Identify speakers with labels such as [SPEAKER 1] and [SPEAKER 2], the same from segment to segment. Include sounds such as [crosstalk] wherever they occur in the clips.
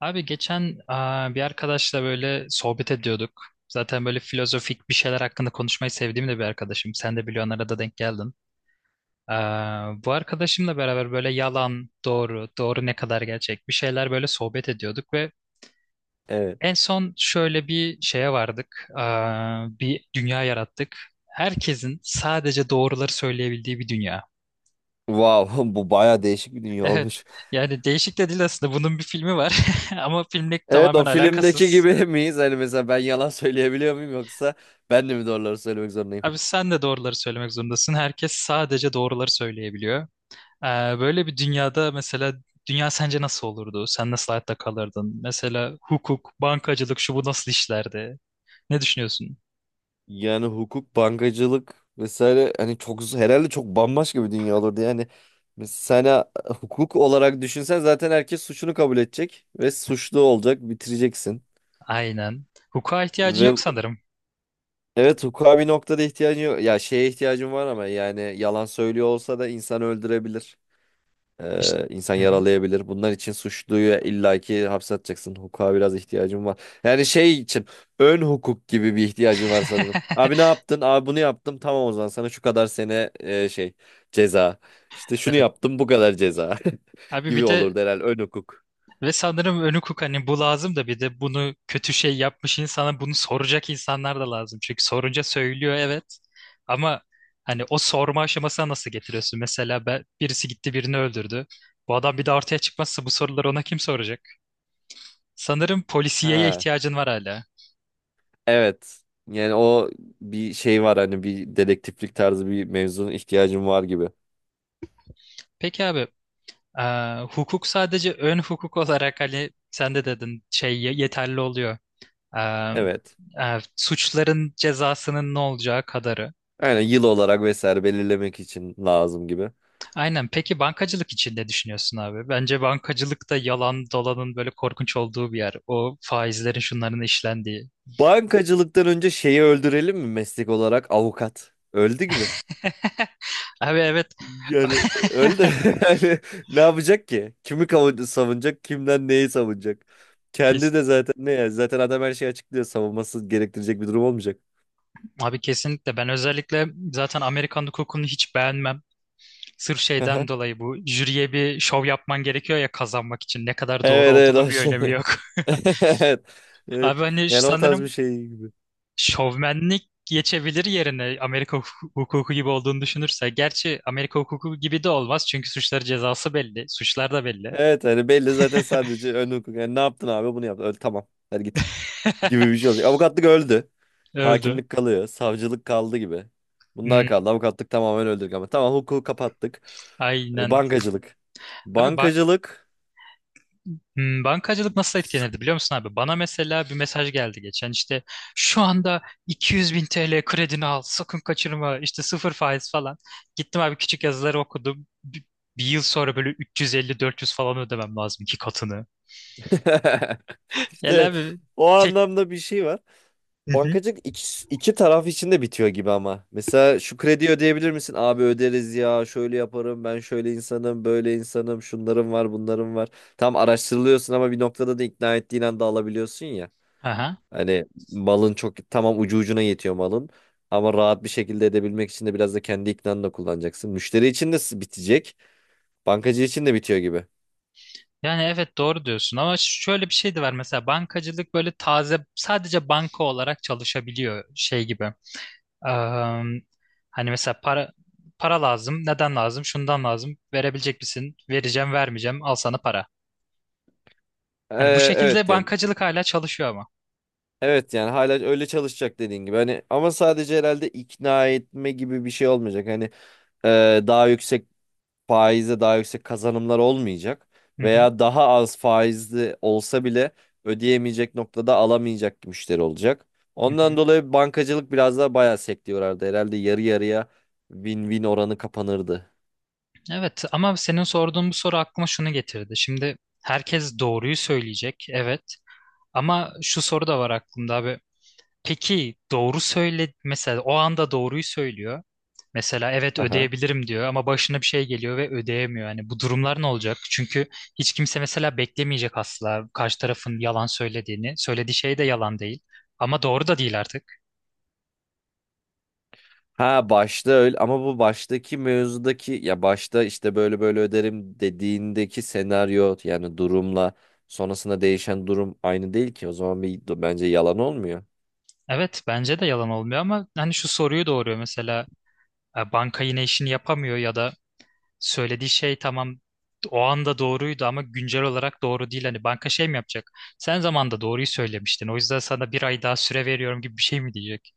[SPEAKER 1] Abi geçen bir arkadaşla böyle sohbet ediyorduk. Zaten böyle filozofik bir şeyler hakkında konuşmayı sevdiğim de bir arkadaşım. Sen de biliyorsun arada denk geldin. Bu arkadaşımla beraber böyle yalan, doğru, doğru ne kadar gerçek bir şeyler böyle sohbet ediyorduk ve
[SPEAKER 2] Evet.
[SPEAKER 1] en son şöyle bir şeye vardık. Bir dünya yarattık. Herkesin sadece doğruları söyleyebildiği bir dünya.
[SPEAKER 2] Wow, [laughs] bu baya değişik bir dünya
[SPEAKER 1] Evet.
[SPEAKER 2] olmuş.
[SPEAKER 1] Yani değişik de değil aslında. Bunun bir filmi var. [laughs] Ama filmle
[SPEAKER 2] Evet, o
[SPEAKER 1] tamamen
[SPEAKER 2] filmdeki
[SPEAKER 1] alakasız.
[SPEAKER 2] gibi [laughs] miyiz? Hani mesela ben yalan söyleyebiliyor muyum yoksa ben de mi doğruları söylemek zorundayım?
[SPEAKER 1] Abi sen de doğruları söylemek zorundasın. Herkes sadece doğruları söyleyebiliyor. Ee, Böyle bir dünyada mesela dünya sence nasıl olurdu? Sen nasıl hayatta kalırdın? Mesela hukuk, bankacılık şu bu nasıl işlerdi? Ne düşünüyorsun?
[SPEAKER 2] Yani hukuk, bankacılık vesaire hani çok herhalde çok bambaşka bir dünya olurdu yani. Mesela sen hukuk olarak düşünsen zaten herkes suçunu kabul edecek ve suçlu olacak, bitireceksin.
[SPEAKER 1] Aynen. Hukuka ihtiyacın
[SPEAKER 2] Ve
[SPEAKER 1] yok sanırım.
[SPEAKER 2] evet, hukuka bir noktada ihtiyacın yok. Ya şeye ihtiyacın var ama yani yalan söylüyor olsa da insan öldürebilir.
[SPEAKER 1] İşte...
[SPEAKER 2] İnsan
[SPEAKER 1] Hı hı.
[SPEAKER 2] yaralayabilir. Bunlar için suçluyu illaki hapse atacaksın. Hukuka biraz ihtiyacım var. Yani şey için ön hukuk gibi bir ihtiyacım var sanırım.
[SPEAKER 1] [laughs]
[SPEAKER 2] Abi ne yaptın? Abi bunu yaptım. Tamam o zaman sana şu kadar sene şey ceza. İşte şunu
[SPEAKER 1] Evet.
[SPEAKER 2] yaptım bu kadar ceza [laughs]
[SPEAKER 1] Abi
[SPEAKER 2] gibi
[SPEAKER 1] bir de
[SPEAKER 2] olurdu herhalde ön hukuk.
[SPEAKER 1] ve sanırım önü hukuk hani bu lazım da bir de bunu kötü şey yapmış insana bunu soracak insanlar da lazım. Çünkü sorunca söylüyor evet. Ama hani o sorma aşamasına nasıl getiriyorsun? Mesela ben, birisi gitti birini öldürdü. Bu adam bir de ortaya çıkmazsa bu soruları ona kim soracak? Sanırım polisiyeye
[SPEAKER 2] Ha,
[SPEAKER 1] ihtiyacın var hala.
[SPEAKER 2] evet. Yani o bir şey var hani bir dedektiflik tarzı bir mevzunun ihtiyacım var gibi.
[SPEAKER 1] Peki abi e, hukuk sadece ön hukuk olarak hani sen de dedin şey yeterli oluyor. E,
[SPEAKER 2] Evet.
[SPEAKER 1] Suçların cezasının ne olacağı kadarı.
[SPEAKER 2] Yani yıl olarak vesaire belirlemek için lazım gibi.
[SPEAKER 1] Aynen. Peki bankacılık için ne düşünüyorsun abi? Bence bankacılık da yalan dolanın böyle korkunç olduğu bir yer. O faizlerin şunların işlendiği.
[SPEAKER 2] Bankacılıktan önce şeyi öldürelim mi meslek olarak avukat? Öldü gibi.
[SPEAKER 1] [laughs] Abi evet.
[SPEAKER 2] Yani öldü. [laughs] Yani ne yapacak ki? Kimi savunacak? Kimden neyi savunacak? Kendi
[SPEAKER 1] Kes-
[SPEAKER 2] de zaten ne ya? Zaten adam her şeyi açıklıyor. Savunması gerektirecek bir durum olmayacak.
[SPEAKER 1] Abi kesinlikle. Ben özellikle zaten Amerikan hukukunu hiç beğenmem. Sırf şeyden
[SPEAKER 2] Aha.
[SPEAKER 1] dolayı bu jüriye bir şov yapman gerekiyor ya kazanmak için. Ne kadar doğru
[SPEAKER 2] Evet, evet,
[SPEAKER 1] olduğunu
[SPEAKER 2] o
[SPEAKER 1] bir
[SPEAKER 2] şey.
[SPEAKER 1] önemi
[SPEAKER 2] [laughs]
[SPEAKER 1] yok.
[SPEAKER 2] Evet.
[SPEAKER 1] [laughs]
[SPEAKER 2] Evet.
[SPEAKER 1] Abi hani
[SPEAKER 2] Yani o tarz bir
[SPEAKER 1] sanırım
[SPEAKER 2] şey gibi.
[SPEAKER 1] şovmenlik geçebilir yerine Amerika hukuku gibi olduğunu düşünürse. Gerçi Amerika hukuku gibi de olmaz çünkü suçları cezası belli, suçlar da belli.
[SPEAKER 2] Evet hani belli zaten sadece ön hukuk. Yani ne yaptın abi bunu yaptın. Öyle, tamam. Hadi git. Gibi
[SPEAKER 1] [laughs]
[SPEAKER 2] bir şey olacak. Avukatlık öldü.
[SPEAKER 1] Öldü.
[SPEAKER 2] Hakimlik kalıyor. Savcılık kaldı gibi. Bunlar
[SPEAKER 1] Hmm,
[SPEAKER 2] kaldı. Avukatlık tamamen öldürdük ama. Tamam hukuku kapattık.
[SPEAKER 1] aynen.
[SPEAKER 2] Bankacılık.
[SPEAKER 1] Abi
[SPEAKER 2] Bankacılık.
[SPEAKER 1] bankacılık nasıl etkilenirdi biliyor musun abi? Bana mesela bir mesaj geldi geçen işte şu anda 200 bin TL kredini al sakın kaçırma işte sıfır faiz falan. Gittim abi küçük yazıları okudum. Bir yıl sonra böyle 350-400 falan ödemem lazım iki katını.
[SPEAKER 2] [laughs]
[SPEAKER 1] Gel
[SPEAKER 2] İşte
[SPEAKER 1] abi
[SPEAKER 2] o
[SPEAKER 1] tek...
[SPEAKER 2] anlamda bir şey var.
[SPEAKER 1] Hı hı.
[SPEAKER 2] Bankacılık iki, iki taraf için de bitiyor gibi ama. Mesela şu kredi ödeyebilir misin? Abi öderiz ya. Şöyle yaparım. Ben şöyle insanım. Böyle insanım. Şunlarım var. Bunlarım var. Tam araştırılıyorsun ama bir noktada da ikna ettiğin anda alabiliyorsun ya.
[SPEAKER 1] Aha.
[SPEAKER 2] Hani malın çok tamam ucu ucuna yetiyor malın. Ama rahat bir şekilde edebilmek için de biraz da kendi iknanı da kullanacaksın. Müşteri için de bitecek. Bankacı için de bitiyor gibi.
[SPEAKER 1] Yani evet doğru diyorsun ama şöyle bir şey de var mesela bankacılık böyle taze sadece banka olarak çalışabiliyor şey gibi. Am, Hani mesela para lazım. Neden lazım? Şundan lazım. Verebilecek misin? Vereceğim, vermeyeceğim. Al sana para. Hani bu
[SPEAKER 2] Ee,
[SPEAKER 1] şekilde
[SPEAKER 2] evet yani.
[SPEAKER 1] bankacılık hala çalışıyor ama.
[SPEAKER 2] Evet yani hala öyle çalışacak dediğin gibi. Hani ama sadece herhalde ikna etme gibi bir şey olmayacak. Hani daha yüksek faize daha yüksek kazanımlar olmayacak
[SPEAKER 1] Hı hı,
[SPEAKER 2] veya daha az faizli olsa bile ödeyemeyecek noktada alamayacak müşteri olacak.
[SPEAKER 1] hı
[SPEAKER 2] Ondan
[SPEAKER 1] hı.
[SPEAKER 2] dolayı bankacılık biraz daha bayağı sektörlerdi. Herhalde yarı yarıya win-win oranı kapanırdı.
[SPEAKER 1] Evet ama senin sorduğun bu soru aklıma şunu getirdi. Şimdi herkes doğruyu söyleyecek. Evet. Ama şu soru da var aklımda abi. Peki doğru söyle mesela o anda doğruyu söylüyor. Mesela evet
[SPEAKER 2] Aha.
[SPEAKER 1] ödeyebilirim diyor ama başına bir şey geliyor ve ödeyemiyor. Yani bu durumlar ne olacak? Çünkü hiç kimse mesela beklemeyecek asla karşı tarafın yalan söylediğini. Söylediği şey de yalan değil. Ama doğru da değil artık.
[SPEAKER 2] Ha başta öyle ama bu baştaki mevzudaki ya başta işte böyle böyle öderim dediğindeki senaryo yani durumla sonrasında değişen durum aynı değil ki. O zaman bir bence yalan olmuyor.
[SPEAKER 1] Evet bence de yalan olmuyor ama hani şu soruyu doğuruyor mesela banka yine işini yapamıyor ya da söylediği şey tamam o anda doğruydu ama güncel olarak doğru değil. Hani banka şey mi yapacak? Sen zamanında doğruyu söylemiştin. O yüzden sana bir ay daha süre veriyorum gibi bir şey mi diyecek?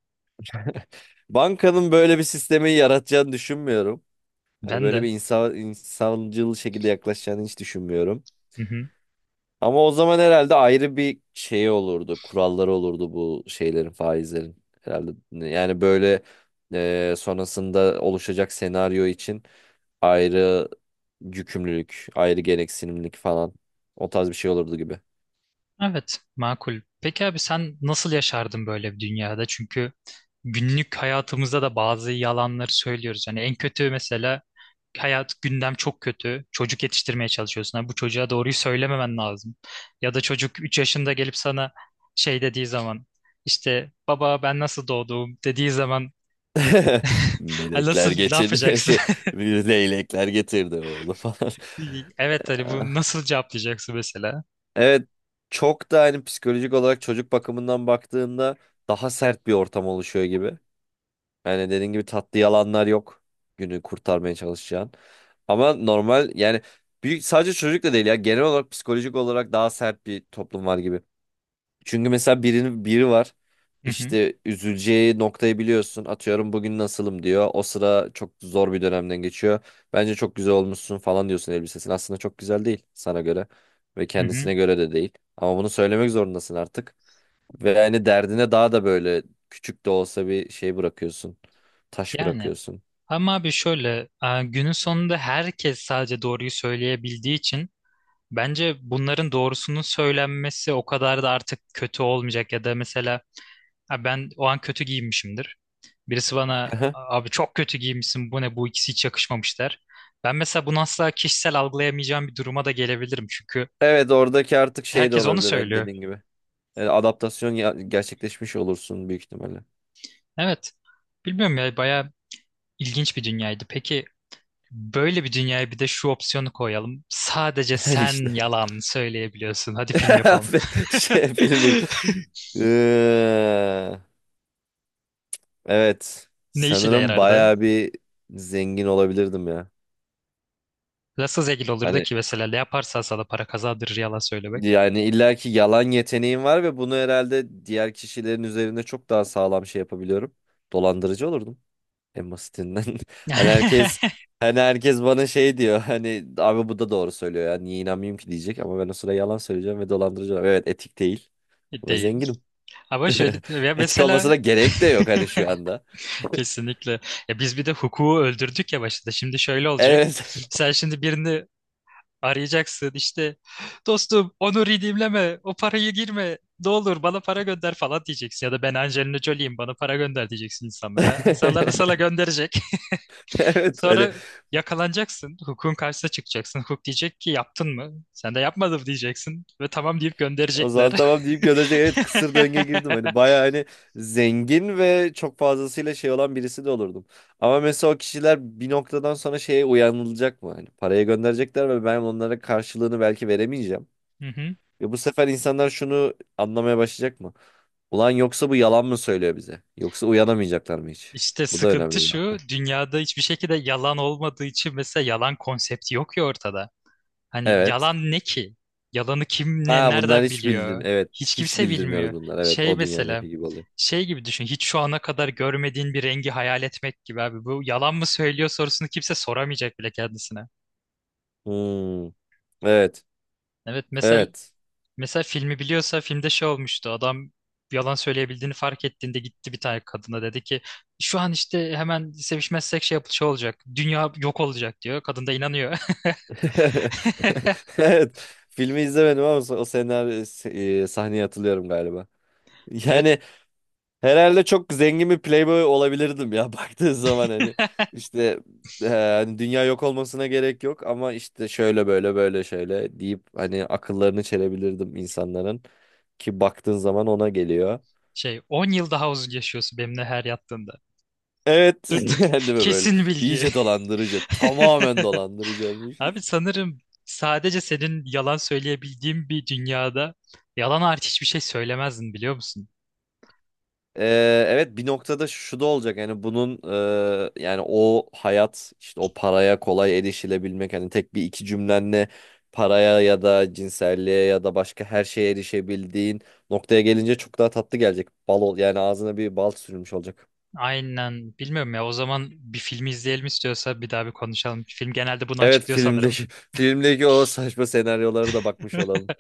[SPEAKER 2] Bankanın böyle bir sistemi yaratacağını düşünmüyorum. Yani
[SPEAKER 1] Ben
[SPEAKER 2] böyle
[SPEAKER 1] de.
[SPEAKER 2] bir insan, insancıl şekilde yaklaşacağını hiç düşünmüyorum. Ama o zaman herhalde ayrı bir şey olurdu. Kuralları olurdu bu şeylerin, faizlerin. Herhalde yani böyle sonrasında oluşacak senaryo için ayrı yükümlülük, ayrı gereksinimlik falan. O tarz bir şey olurdu gibi.
[SPEAKER 1] Evet, makul. Peki abi sen nasıl yaşardın böyle bir dünyada? Çünkü günlük hayatımızda da bazı yalanları söylüyoruz. Yani en kötü mesela hayat gündem çok kötü. Çocuk yetiştirmeye çalışıyorsun. Ha, bu çocuğa doğruyu söylememen lazım. Ya da çocuk 3 yaşında gelip sana şey dediği zaman işte baba ben nasıl doğdum dediği zaman
[SPEAKER 2] [laughs]
[SPEAKER 1] [laughs] ha, nasıl
[SPEAKER 2] Melekler
[SPEAKER 1] ne
[SPEAKER 2] getirdi [laughs]
[SPEAKER 1] yapacaksın?
[SPEAKER 2] şey leylekler getirdi oğlu falan.
[SPEAKER 1] Evet Ali bunu
[SPEAKER 2] [laughs]
[SPEAKER 1] nasıl cevaplayacaksın mesela?
[SPEAKER 2] Evet, çok da hani psikolojik olarak çocuk bakımından baktığında daha sert bir ortam oluşuyor gibi. Yani dediğin gibi tatlı yalanlar yok günü kurtarmaya çalışacağın. Ama normal yani büyük, sadece çocukla değil ya genel olarak psikolojik olarak daha sert bir toplum var gibi. Çünkü mesela biri var.
[SPEAKER 1] Hı hı,
[SPEAKER 2] İşte üzüleceği noktayı biliyorsun. Atıyorum bugün nasılım diyor. O sıra çok zor bir dönemden geçiyor. Bence çok güzel olmuşsun falan diyorsun elbisesine. Aslında çok güzel değil sana göre ve
[SPEAKER 1] hı hı.
[SPEAKER 2] kendisine göre de değil. Ama bunu söylemek zorundasın artık. Ve yani derdine daha da böyle küçük de olsa bir şey bırakıyorsun. Taş
[SPEAKER 1] Yani
[SPEAKER 2] bırakıyorsun.
[SPEAKER 1] ama abi şöyle günün sonunda herkes sadece doğruyu söyleyebildiği için bence bunların doğrusunun söylenmesi o kadar da artık kötü olmayacak ya da mesela "Ha, ben o an kötü giyinmişimdir. Birisi bana
[SPEAKER 2] Aha.
[SPEAKER 1] abi çok kötü giyinmişsin bu ne bu ikisi hiç yakışmamış der. Ben mesela bunu asla kişisel algılayamayacağım bir duruma da gelebilirim çünkü
[SPEAKER 2] Evet oradaki artık şey de
[SPEAKER 1] herkes onu
[SPEAKER 2] olabilir, evet,
[SPEAKER 1] söylüyor.
[SPEAKER 2] dediğin gibi. Yani adaptasyon gerçekleşmiş olursun büyük ihtimalle.
[SPEAKER 1] Evet bilmiyorum ya bayağı ilginç bir dünyaydı. Peki böyle bir dünyaya bir de şu opsiyonu koyalım. Sadece
[SPEAKER 2] [laughs] İşte.
[SPEAKER 1] sen yalan söyleyebiliyorsun. Hadi film yapalım.
[SPEAKER 2] [laughs] Şey
[SPEAKER 1] [laughs]
[SPEAKER 2] filmde. Ee, evet.
[SPEAKER 1] Ne işe de
[SPEAKER 2] Sanırım
[SPEAKER 1] yarardı?
[SPEAKER 2] bayağı bir zengin olabilirdim ya.
[SPEAKER 1] Nasıl zengin olurdu
[SPEAKER 2] Hani
[SPEAKER 1] ki mesela ne yaparsan sana para kazandırır yalan söylemek.
[SPEAKER 2] yani illaki yalan yeteneğim var ve bunu herhalde diğer kişilerin üzerinde çok daha sağlam şey yapabiliyorum. Dolandırıcı olurdum en basitinden. [laughs] Hani herkes
[SPEAKER 1] [laughs]
[SPEAKER 2] hani herkes bana şey diyor. Hani abi bu da doğru söylüyor ya. Niye inanmayayım ki diyecek ama ben o sıra yalan söyleyeceğim ve dolandırıcı olacağım. Evet etik değil ama
[SPEAKER 1] Değil.
[SPEAKER 2] zenginim.
[SPEAKER 1] Ama
[SPEAKER 2] [laughs]
[SPEAKER 1] şöyle ya
[SPEAKER 2] Etik
[SPEAKER 1] mesela
[SPEAKER 2] olmasına gerek de yok hani şu anda. [laughs]
[SPEAKER 1] kesinlikle ya biz bir de hukuku öldürdük ya başta. Şimdi şöyle olacak.
[SPEAKER 2] Evet.
[SPEAKER 1] Sen şimdi birini arayacaksın işte dostum onu redeemleme o parayı girme ne olur bana para gönder falan diyeceksin ya da ben Angelina Jolie'yim bana para gönder diyeceksin insanlara. İnsanlar da
[SPEAKER 2] [laughs]
[SPEAKER 1] sana gönderecek.
[SPEAKER 2] Evet hani
[SPEAKER 1] Sonra yakalanacaksın. Hukukun karşısına çıkacaksın. Hukuk diyecek ki yaptın mı? Sen de yapmadım diyeceksin. Ve tamam deyip
[SPEAKER 2] o
[SPEAKER 1] gönderecekler.
[SPEAKER 2] zaman tamam deyip gönderecek. Evet kısır döngüye
[SPEAKER 1] [laughs]
[SPEAKER 2] girdim. Hani baya hani zengin ve çok fazlasıyla şey olan birisi de olurdum. Ama mesela o kişiler bir noktadan sonra şeye uyanılacak mı? Hani paraya gönderecekler ve ben onlara karşılığını belki veremeyeceğim.
[SPEAKER 1] Hı hı.
[SPEAKER 2] Ve bu sefer insanlar şunu anlamaya başlayacak mı? Ulan yoksa bu yalan mı söylüyor bize? Yoksa uyanamayacaklar mı hiç?
[SPEAKER 1] İşte
[SPEAKER 2] Bu da
[SPEAKER 1] sıkıntı
[SPEAKER 2] önemli bir
[SPEAKER 1] şu,
[SPEAKER 2] nokta.
[SPEAKER 1] dünyada hiçbir şekilde yalan olmadığı için mesela yalan konsepti yok ya ortada. Hani
[SPEAKER 2] Evet.
[SPEAKER 1] yalan ne ki? Yalanı kim ne
[SPEAKER 2] Ha bunlar
[SPEAKER 1] nereden
[SPEAKER 2] hiç bildim.
[SPEAKER 1] biliyor?
[SPEAKER 2] Evet.
[SPEAKER 1] Hiç
[SPEAKER 2] Hiç
[SPEAKER 1] kimse
[SPEAKER 2] bildirmiyoruz
[SPEAKER 1] bilmiyor.
[SPEAKER 2] bunlar. Evet.
[SPEAKER 1] Şey
[SPEAKER 2] O
[SPEAKER 1] mesela,
[SPEAKER 2] dünyadaki gibi oluyor.
[SPEAKER 1] şey gibi düşün. Hiç şu ana kadar görmediğin bir rengi hayal etmek gibi abi. Bu yalan mı söylüyor sorusunu kimse soramayacak bile kendisine.
[SPEAKER 2] Hmm, evet.
[SPEAKER 1] Evet mesela
[SPEAKER 2] Evet.
[SPEAKER 1] mesela filmi biliyorsa filmde şey olmuştu. Adam yalan söyleyebildiğini fark ettiğinde gitti bir tane kadına dedi ki şu an işte hemen sevişmezsek şey, şey olacak. Dünya yok olacak diyor. Kadın da inanıyor. [laughs]
[SPEAKER 2] [laughs] Evet. Filmi izlemedim ama o senaryo sahneye hatırlıyorum galiba. [laughs]
[SPEAKER 1] Evet
[SPEAKER 2] Yani herhalde çok zengin bir playboy olabilirdim ya [laughs] baktığın zaman hani işte hani dünya yok olmasına gerek yok ama işte şöyle böyle böyle şöyle deyip hani akıllarını çelebilirdim insanların ki baktığın zaman ona geliyor.
[SPEAKER 1] şey 10 yıl daha uzun yaşıyorsun benimle her yattığında.
[SPEAKER 2] Evet.
[SPEAKER 1] Dur, dur.
[SPEAKER 2] [laughs]
[SPEAKER 1] [laughs]
[SPEAKER 2] Değil mi böyle?
[SPEAKER 1] kesin bilgi.
[SPEAKER 2] İyice dolandırıcı. Tamamen
[SPEAKER 1] [laughs]
[SPEAKER 2] dolandırıcı olmuşuz.
[SPEAKER 1] Abi sanırım sadece senin yalan söyleyebildiğin bir dünyada yalan hariç hiçbir şey söylemezdin biliyor musun?
[SPEAKER 2] Evet bir noktada şu da olacak yani bunun yani o hayat işte o paraya kolay erişilebilmek hani tek bir iki cümlenle paraya ya da cinselliğe ya da başka her şeye erişebildiğin noktaya gelince çok daha tatlı gelecek. Bal ol yani ağzına bir bal sürülmüş olacak.
[SPEAKER 1] Aynen. Bilmiyorum ya. O zaman bir film izleyelim istiyorsa bir daha bir konuşalım. Film genelde bunu
[SPEAKER 2] Evet
[SPEAKER 1] açıklıyor sanırım.
[SPEAKER 2] filmdeki [laughs] filmdeki o saçma senaryolara da bakmış olalım.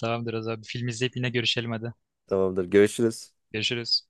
[SPEAKER 1] Tamamdır o zaman. Bir film izleyip yine görüşelim hadi.
[SPEAKER 2] Tamamdır görüşürüz.
[SPEAKER 1] Görüşürüz.